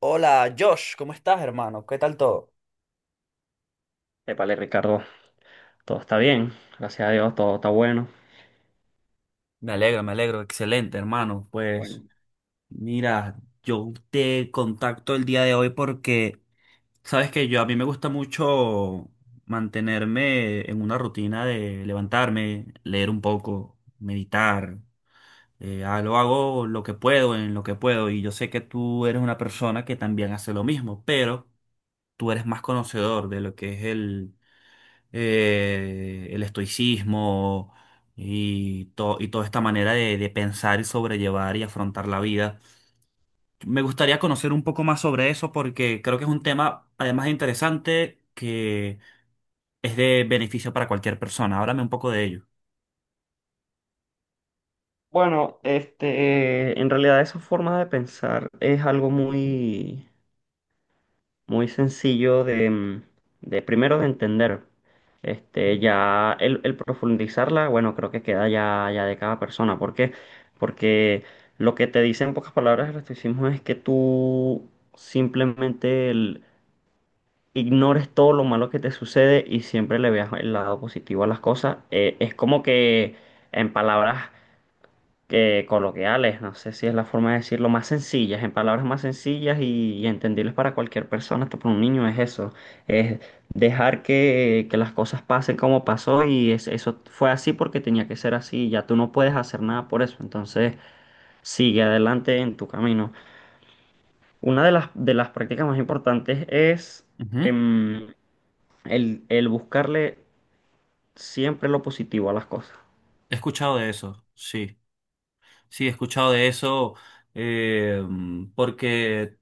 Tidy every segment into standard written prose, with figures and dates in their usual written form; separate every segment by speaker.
Speaker 1: Hola, Josh, ¿cómo estás, hermano? ¿Qué tal todo?
Speaker 2: Épale, Ricardo, todo está bien, gracias a Dios, todo está bueno.
Speaker 1: Me alegro, me alegro. Excelente, hermano. Pues
Speaker 2: Bueno,
Speaker 1: mira, yo te contacto el día de hoy porque sabes que yo a mí me gusta mucho mantenerme en una rutina de levantarme, leer un poco, meditar. Lo hago lo que puedo, en lo que puedo. Y yo sé que tú eres una persona que también hace lo mismo, pero tú eres más conocedor de lo que es el estoicismo y toda esta manera de pensar y sobrellevar y afrontar la vida. Me gustaría conocer un poco más sobre eso porque creo que es un tema, además de interesante, que es de beneficio para cualquier persona. Háblame un poco de ello.
Speaker 2: en realidad esa forma de pensar es algo muy sencillo de primero de entender. Ya el profundizarla, bueno, creo que queda ya de cada persona. ¿Por qué? Porque lo que te dice en pocas palabras el estoicismo es que tú simplemente ignores todo lo malo que te sucede y siempre le veas el lado positivo a las cosas. Es como que en palabras que coloquiales, no sé si es la forma de decirlo, más sencillas, en palabras más sencillas y entendibles para cualquier persona, hasta para un niño es eso, es dejar que las cosas pasen como pasó y eso fue así porque tenía que ser así, ya tú no puedes hacer nada por eso, entonces sigue adelante en tu camino. Una de las prácticas más importantes es
Speaker 1: Ujú.
Speaker 2: em, el buscarle siempre lo positivo a las cosas.
Speaker 1: He escuchado de eso, sí. Sí, he escuchado de eso, eh, porque,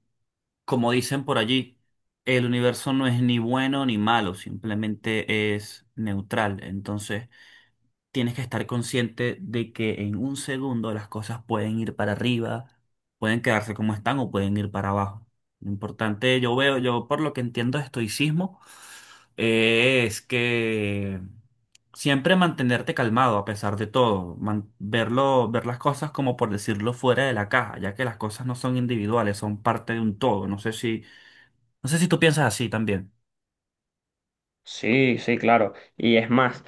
Speaker 1: como dicen por allí, el universo no es ni bueno ni malo, simplemente es neutral. Entonces, tienes que estar consciente de que en un segundo las cosas pueden ir para arriba, pueden quedarse como están o pueden ir para abajo. Lo importante, yo veo, yo por lo que entiendo de estoicismo, es que siempre mantenerte calmado a pesar de todo, verlo, ver las cosas como por decirlo fuera de la caja, ya que las cosas no son individuales, son parte de un todo. No sé si tú piensas así también.
Speaker 2: Sí, sí, claro. Y es más,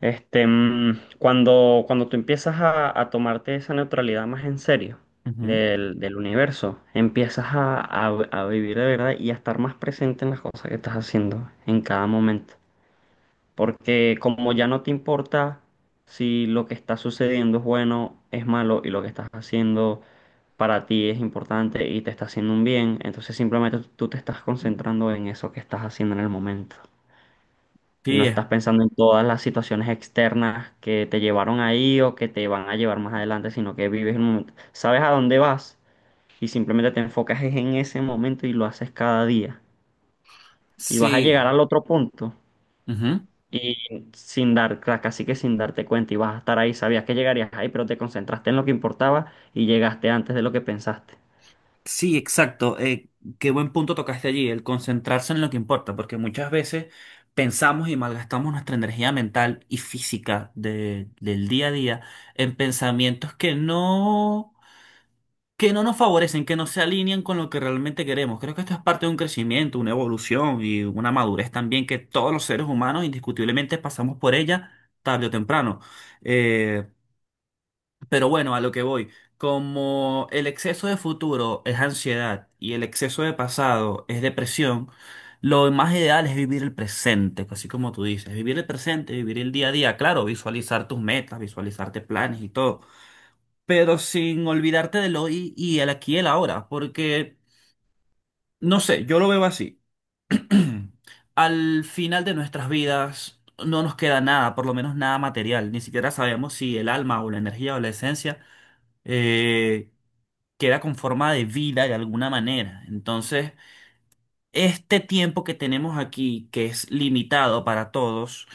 Speaker 2: cuando tú empiezas a tomarte esa neutralidad más en serio
Speaker 1: Ujú.
Speaker 2: del universo, empiezas a vivir de verdad y a estar más presente en las cosas que estás haciendo en cada momento. Porque como ya no te importa si lo que está sucediendo es bueno, es malo y lo que estás haciendo para ti es importante y te está haciendo un bien, entonces simplemente tú te estás concentrando en eso que estás haciendo en el momento y no
Speaker 1: Sí, es.
Speaker 2: estás pensando en todas las situaciones externas que te llevaron ahí o que te van a llevar más adelante, sino que vives el momento, sabes a dónde vas y simplemente te enfocas es en ese momento y lo haces cada día y vas a llegar
Speaker 1: Sí.
Speaker 2: al otro punto.
Speaker 1: Ujú.
Speaker 2: Y sin casi que sin darte cuenta, y vas a estar ahí, sabías que llegarías ahí, pero te concentraste en lo que importaba y llegaste antes de lo que pensaste.
Speaker 1: Sí, exacto. Qué buen punto tocaste allí, el concentrarse en lo que importa, porque muchas veces pensamos y malgastamos nuestra energía mental y física del día a día en pensamientos que no nos favorecen, que no se alinean con lo que realmente queremos. Creo que esto es parte de un crecimiento, una evolución y una madurez también que todos los seres humanos indiscutiblemente pasamos por ella tarde o temprano. Eh, pero bueno, a lo que voy, como el exceso de futuro es ansiedad y el exceso de pasado es depresión, lo más ideal es vivir el presente, pues, así como tú dices, vivir el presente, vivir el día a día, claro, visualizar tus metas, visualizarte planes y todo, pero sin olvidarte del hoy y el aquí y el ahora, porque, no sé, yo lo veo así. Al final de nuestras vidas no nos queda nada, por lo menos nada material, ni siquiera sabemos si el alma o la energía o la esencia eh, queda con forma de vida de alguna manera. Entonces, este tiempo que tenemos aquí, que es limitado para todos,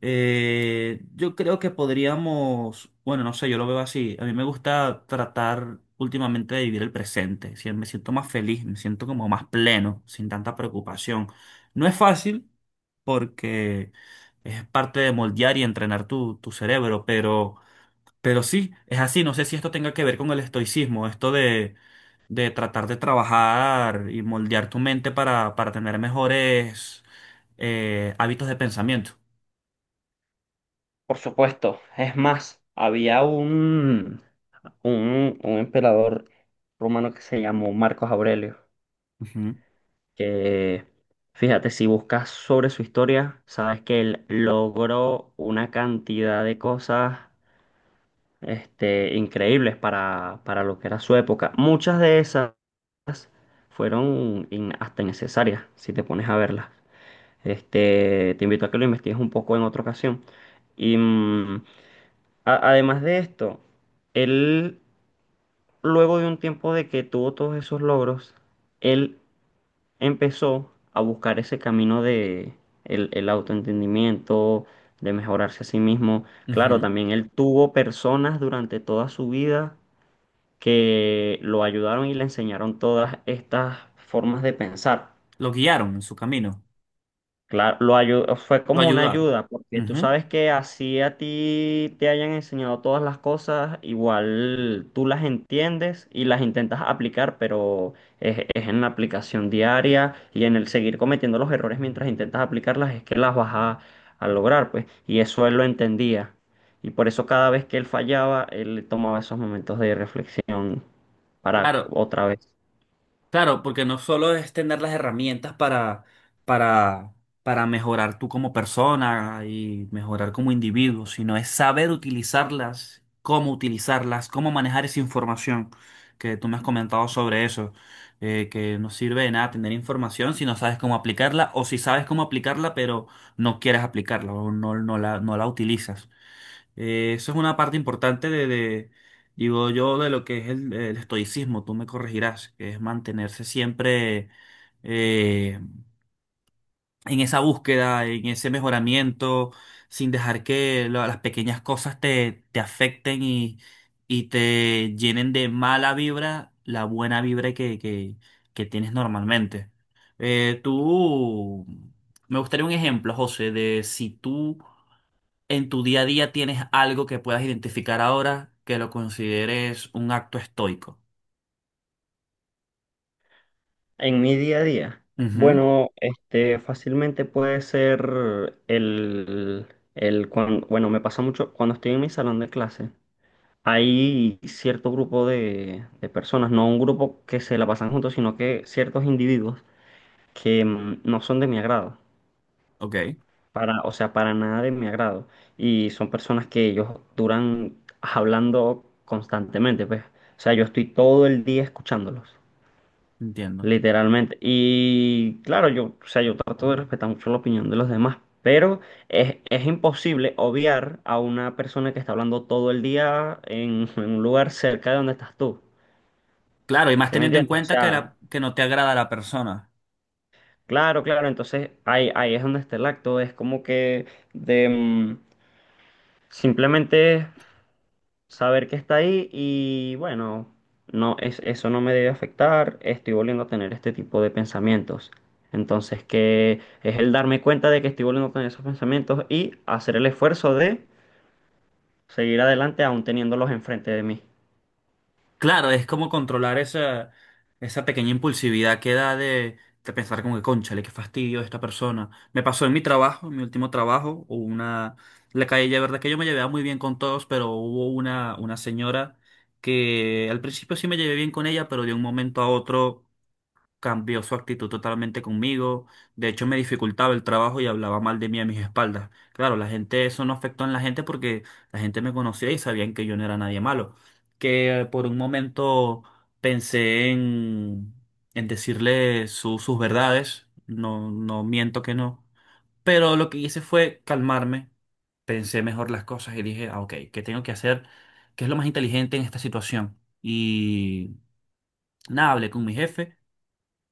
Speaker 1: yo creo que podríamos, bueno, no sé, yo lo veo así. A mí me gusta tratar últimamente de vivir el presente. Me siento más feliz, me siento como más pleno, sin tanta preocupación. No es fácil porque es parte de moldear y entrenar tu cerebro, pero. Pero sí, es así. No sé si esto tenga que ver con el estoicismo, esto de tratar de trabajar y moldear tu mente para tener mejores hábitos de pensamiento.
Speaker 2: Por supuesto, es más, había un emperador romano que se llamó Marcos Aurelio,
Speaker 1: Ujú,
Speaker 2: que fíjate, si buscas sobre su historia, sabes que él logró una cantidad de cosas increíbles para lo que era su época. Muchas de esas fueron hasta innecesarias, si te pones a verlas. Te invito a que lo investigues un poco en otra ocasión. Y además de esto, él, luego de un tiempo de que tuvo todos esos logros, él empezó a buscar ese camino de el autoentendimiento, de mejorarse a sí mismo. Claro,
Speaker 1: ujú.
Speaker 2: también él tuvo personas durante toda su vida que lo ayudaron y le enseñaron todas estas formas de pensar.
Speaker 1: Lo guiaron en su camino,
Speaker 2: Claro, fue
Speaker 1: lo
Speaker 2: como una
Speaker 1: ayudaron.
Speaker 2: ayuda, porque tú
Speaker 1: Ujú.
Speaker 2: sabes que así a ti te hayan enseñado todas las cosas, igual tú las entiendes y las intentas aplicar, pero es en la aplicación diaria y en el seguir cometiendo los errores mientras intentas aplicarlas es que las vas a lograr, pues. Y eso él lo entendía. Y por eso cada vez que él fallaba, él tomaba esos momentos de reflexión para
Speaker 1: Claro.
Speaker 2: otra vez.
Speaker 1: Claro, porque no solo es tener las herramientas para, para mejorar tú como persona y mejorar como individuo, sino es saber utilizarlas, cómo manejar esa información que tú me has comentado sobre eso, que no sirve de nada tener información si no sabes cómo aplicarla o si sabes cómo aplicarla pero no quieres aplicarla o no, no la, no la utilizas. Eso es una parte importante digo yo, de lo que es el estoicismo, tú me corregirás, que es mantenerse siempre eh, en esa búsqueda, en ese mejoramiento, sin dejar que las pequeñas cosas te afecten y te llenen de mala vibra la buena vibra que tienes normalmente. Eh, tú, me gustaría un ejemplo, José, de si tú en tu día a día tienes algo que puedas identificar ahora que lo consideres un acto estoico.
Speaker 2: En mi día a día,
Speaker 1: Ujú.
Speaker 2: bueno, fácilmente puede ser bueno, me pasa mucho cuando estoy en mi salón de clase. Hay cierto grupo de personas, no un grupo que se la pasan juntos, sino que ciertos individuos que no son de mi agrado,
Speaker 1: Ok,
Speaker 2: para, o sea, para nada de mi agrado. Y son personas que ellos duran hablando constantemente, pues. O sea, yo estoy todo el día escuchándolos.
Speaker 1: entiendo.
Speaker 2: Literalmente. Y claro, yo, o sea, yo trato de respetar mucho la opinión de los demás, pero es imposible obviar a una persona que está hablando todo el día en un lugar cerca de donde estás tú.
Speaker 1: Claro, y más
Speaker 2: ¿Sí me
Speaker 1: teniendo en
Speaker 2: entiendes? O
Speaker 1: cuenta que,
Speaker 2: sea,
Speaker 1: que no te agrada la persona.
Speaker 2: claro, claro. Entonces ahí es donde está el acto. Es como que de mm, simplemente saber que está ahí y bueno, no es eso, no me debe afectar, estoy volviendo a tener este tipo de pensamientos. Entonces, que es el darme cuenta de que estoy volviendo a tener esos pensamientos y hacer el esfuerzo de seguir adelante aún teniéndolos enfrente de mí.
Speaker 1: Claro, es como controlar esa pequeña impulsividad que da de pensar como que, cónchale, qué fastidio esta persona. Me pasó en mi trabajo, en mi último trabajo, hubo una. La calle, de verdad que yo me llevaba muy bien con todos, pero hubo una señora que al principio sí me llevé bien con ella, pero de un momento a otro cambió su actitud totalmente conmigo. De hecho, me dificultaba el trabajo y hablaba mal de mí a mis espaldas. Claro, la gente, eso no afectó en la gente porque la gente me conocía y sabían que yo no era nadie malo. Que por un momento pensé en decirle sus verdades. No, no miento que no. Pero lo que hice fue calmarme. Pensé mejor las cosas y dije, ah, ok, ¿qué tengo que hacer? ¿Qué es lo más inteligente en esta situación? Y nada, hablé con mi jefe.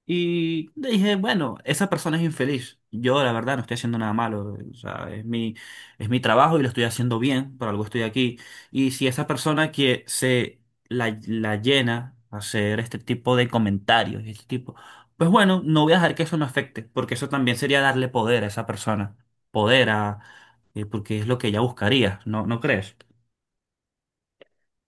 Speaker 1: Y dije, bueno, esa persona es infeliz. Yo, la verdad, no estoy haciendo nada malo. O sea, es mi trabajo y lo estoy haciendo bien, por algo estoy aquí. Y si esa persona que se la llena a hacer este tipo de comentarios, este tipo, pues bueno, no voy a dejar que eso me afecte, porque eso también sería darle poder a esa persona. Poder a, porque es lo que ella buscaría, ¿no crees?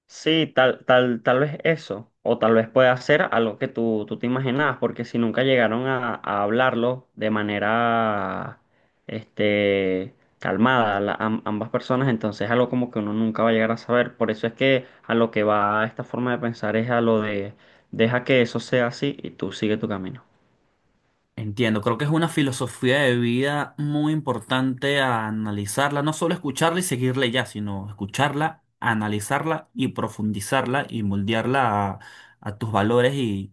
Speaker 2: Sí, tal vez eso, o tal vez pueda ser algo que tú te imaginabas, porque si nunca llegaron a hablarlo de manera, calmada, ambas personas, entonces es algo como que uno nunca va a llegar a saber. Por eso es que a lo que va esta forma de pensar es a lo de deja que eso sea así y tú sigue tu camino.
Speaker 1: Entiendo, creo que es una filosofía de vida muy importante a analizarla, no solo escucharla y seguirla y ya, sino escucharla, analizarla y profundizarla y moldearla a tus valores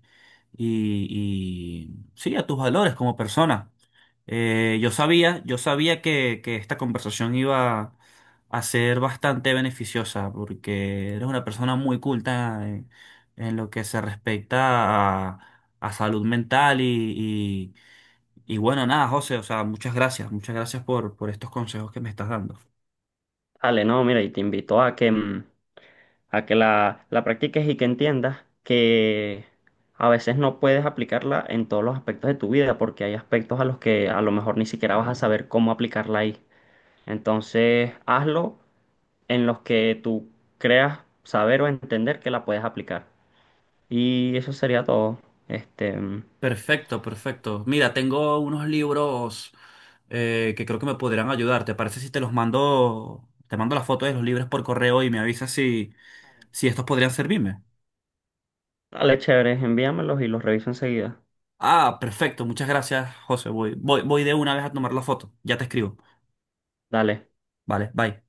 Speaker 1: y, y- sí, a tus valores como persona. Yo sabía que esta conversación iba a ser bastante beneficiosa porque eres una persona muy culta en lo que se respecta a salud mental y bueno, nada, José, o sea, muchas gracias por estos consejos que me estás dando.
Speaker 2: Dale, no, mira, y te invito a que a que la practiques y que entiendas que a veces no puedes aplicarla en todos los aspectos de tu vida, porque hay aspectos a los que a lo mejor ni siquiera vas a saber cómo aplicarla ahí. Entonces, hazlo en los que tú creas saber o entender que la puedes aplicar. Y eso sería todo. Este,
Speaker 1: Perfecto, perfecto. Mira, tengo unos libros que creo que me podrían ayudar. ¿Te parece si te los mando, te mando las fotos de los libros por correo y me avisas si, si estos podrían servirme?
Speaker 2: Dale, chévere, envíamelos y los reviso enseguida.
Speaker 1: Ah, perfecto. Muchas gracias, José. Voy de una vez a tomar la foto. Ya te escribo.
Speaker 2: Dale.
Speaker 1: Vale, bye.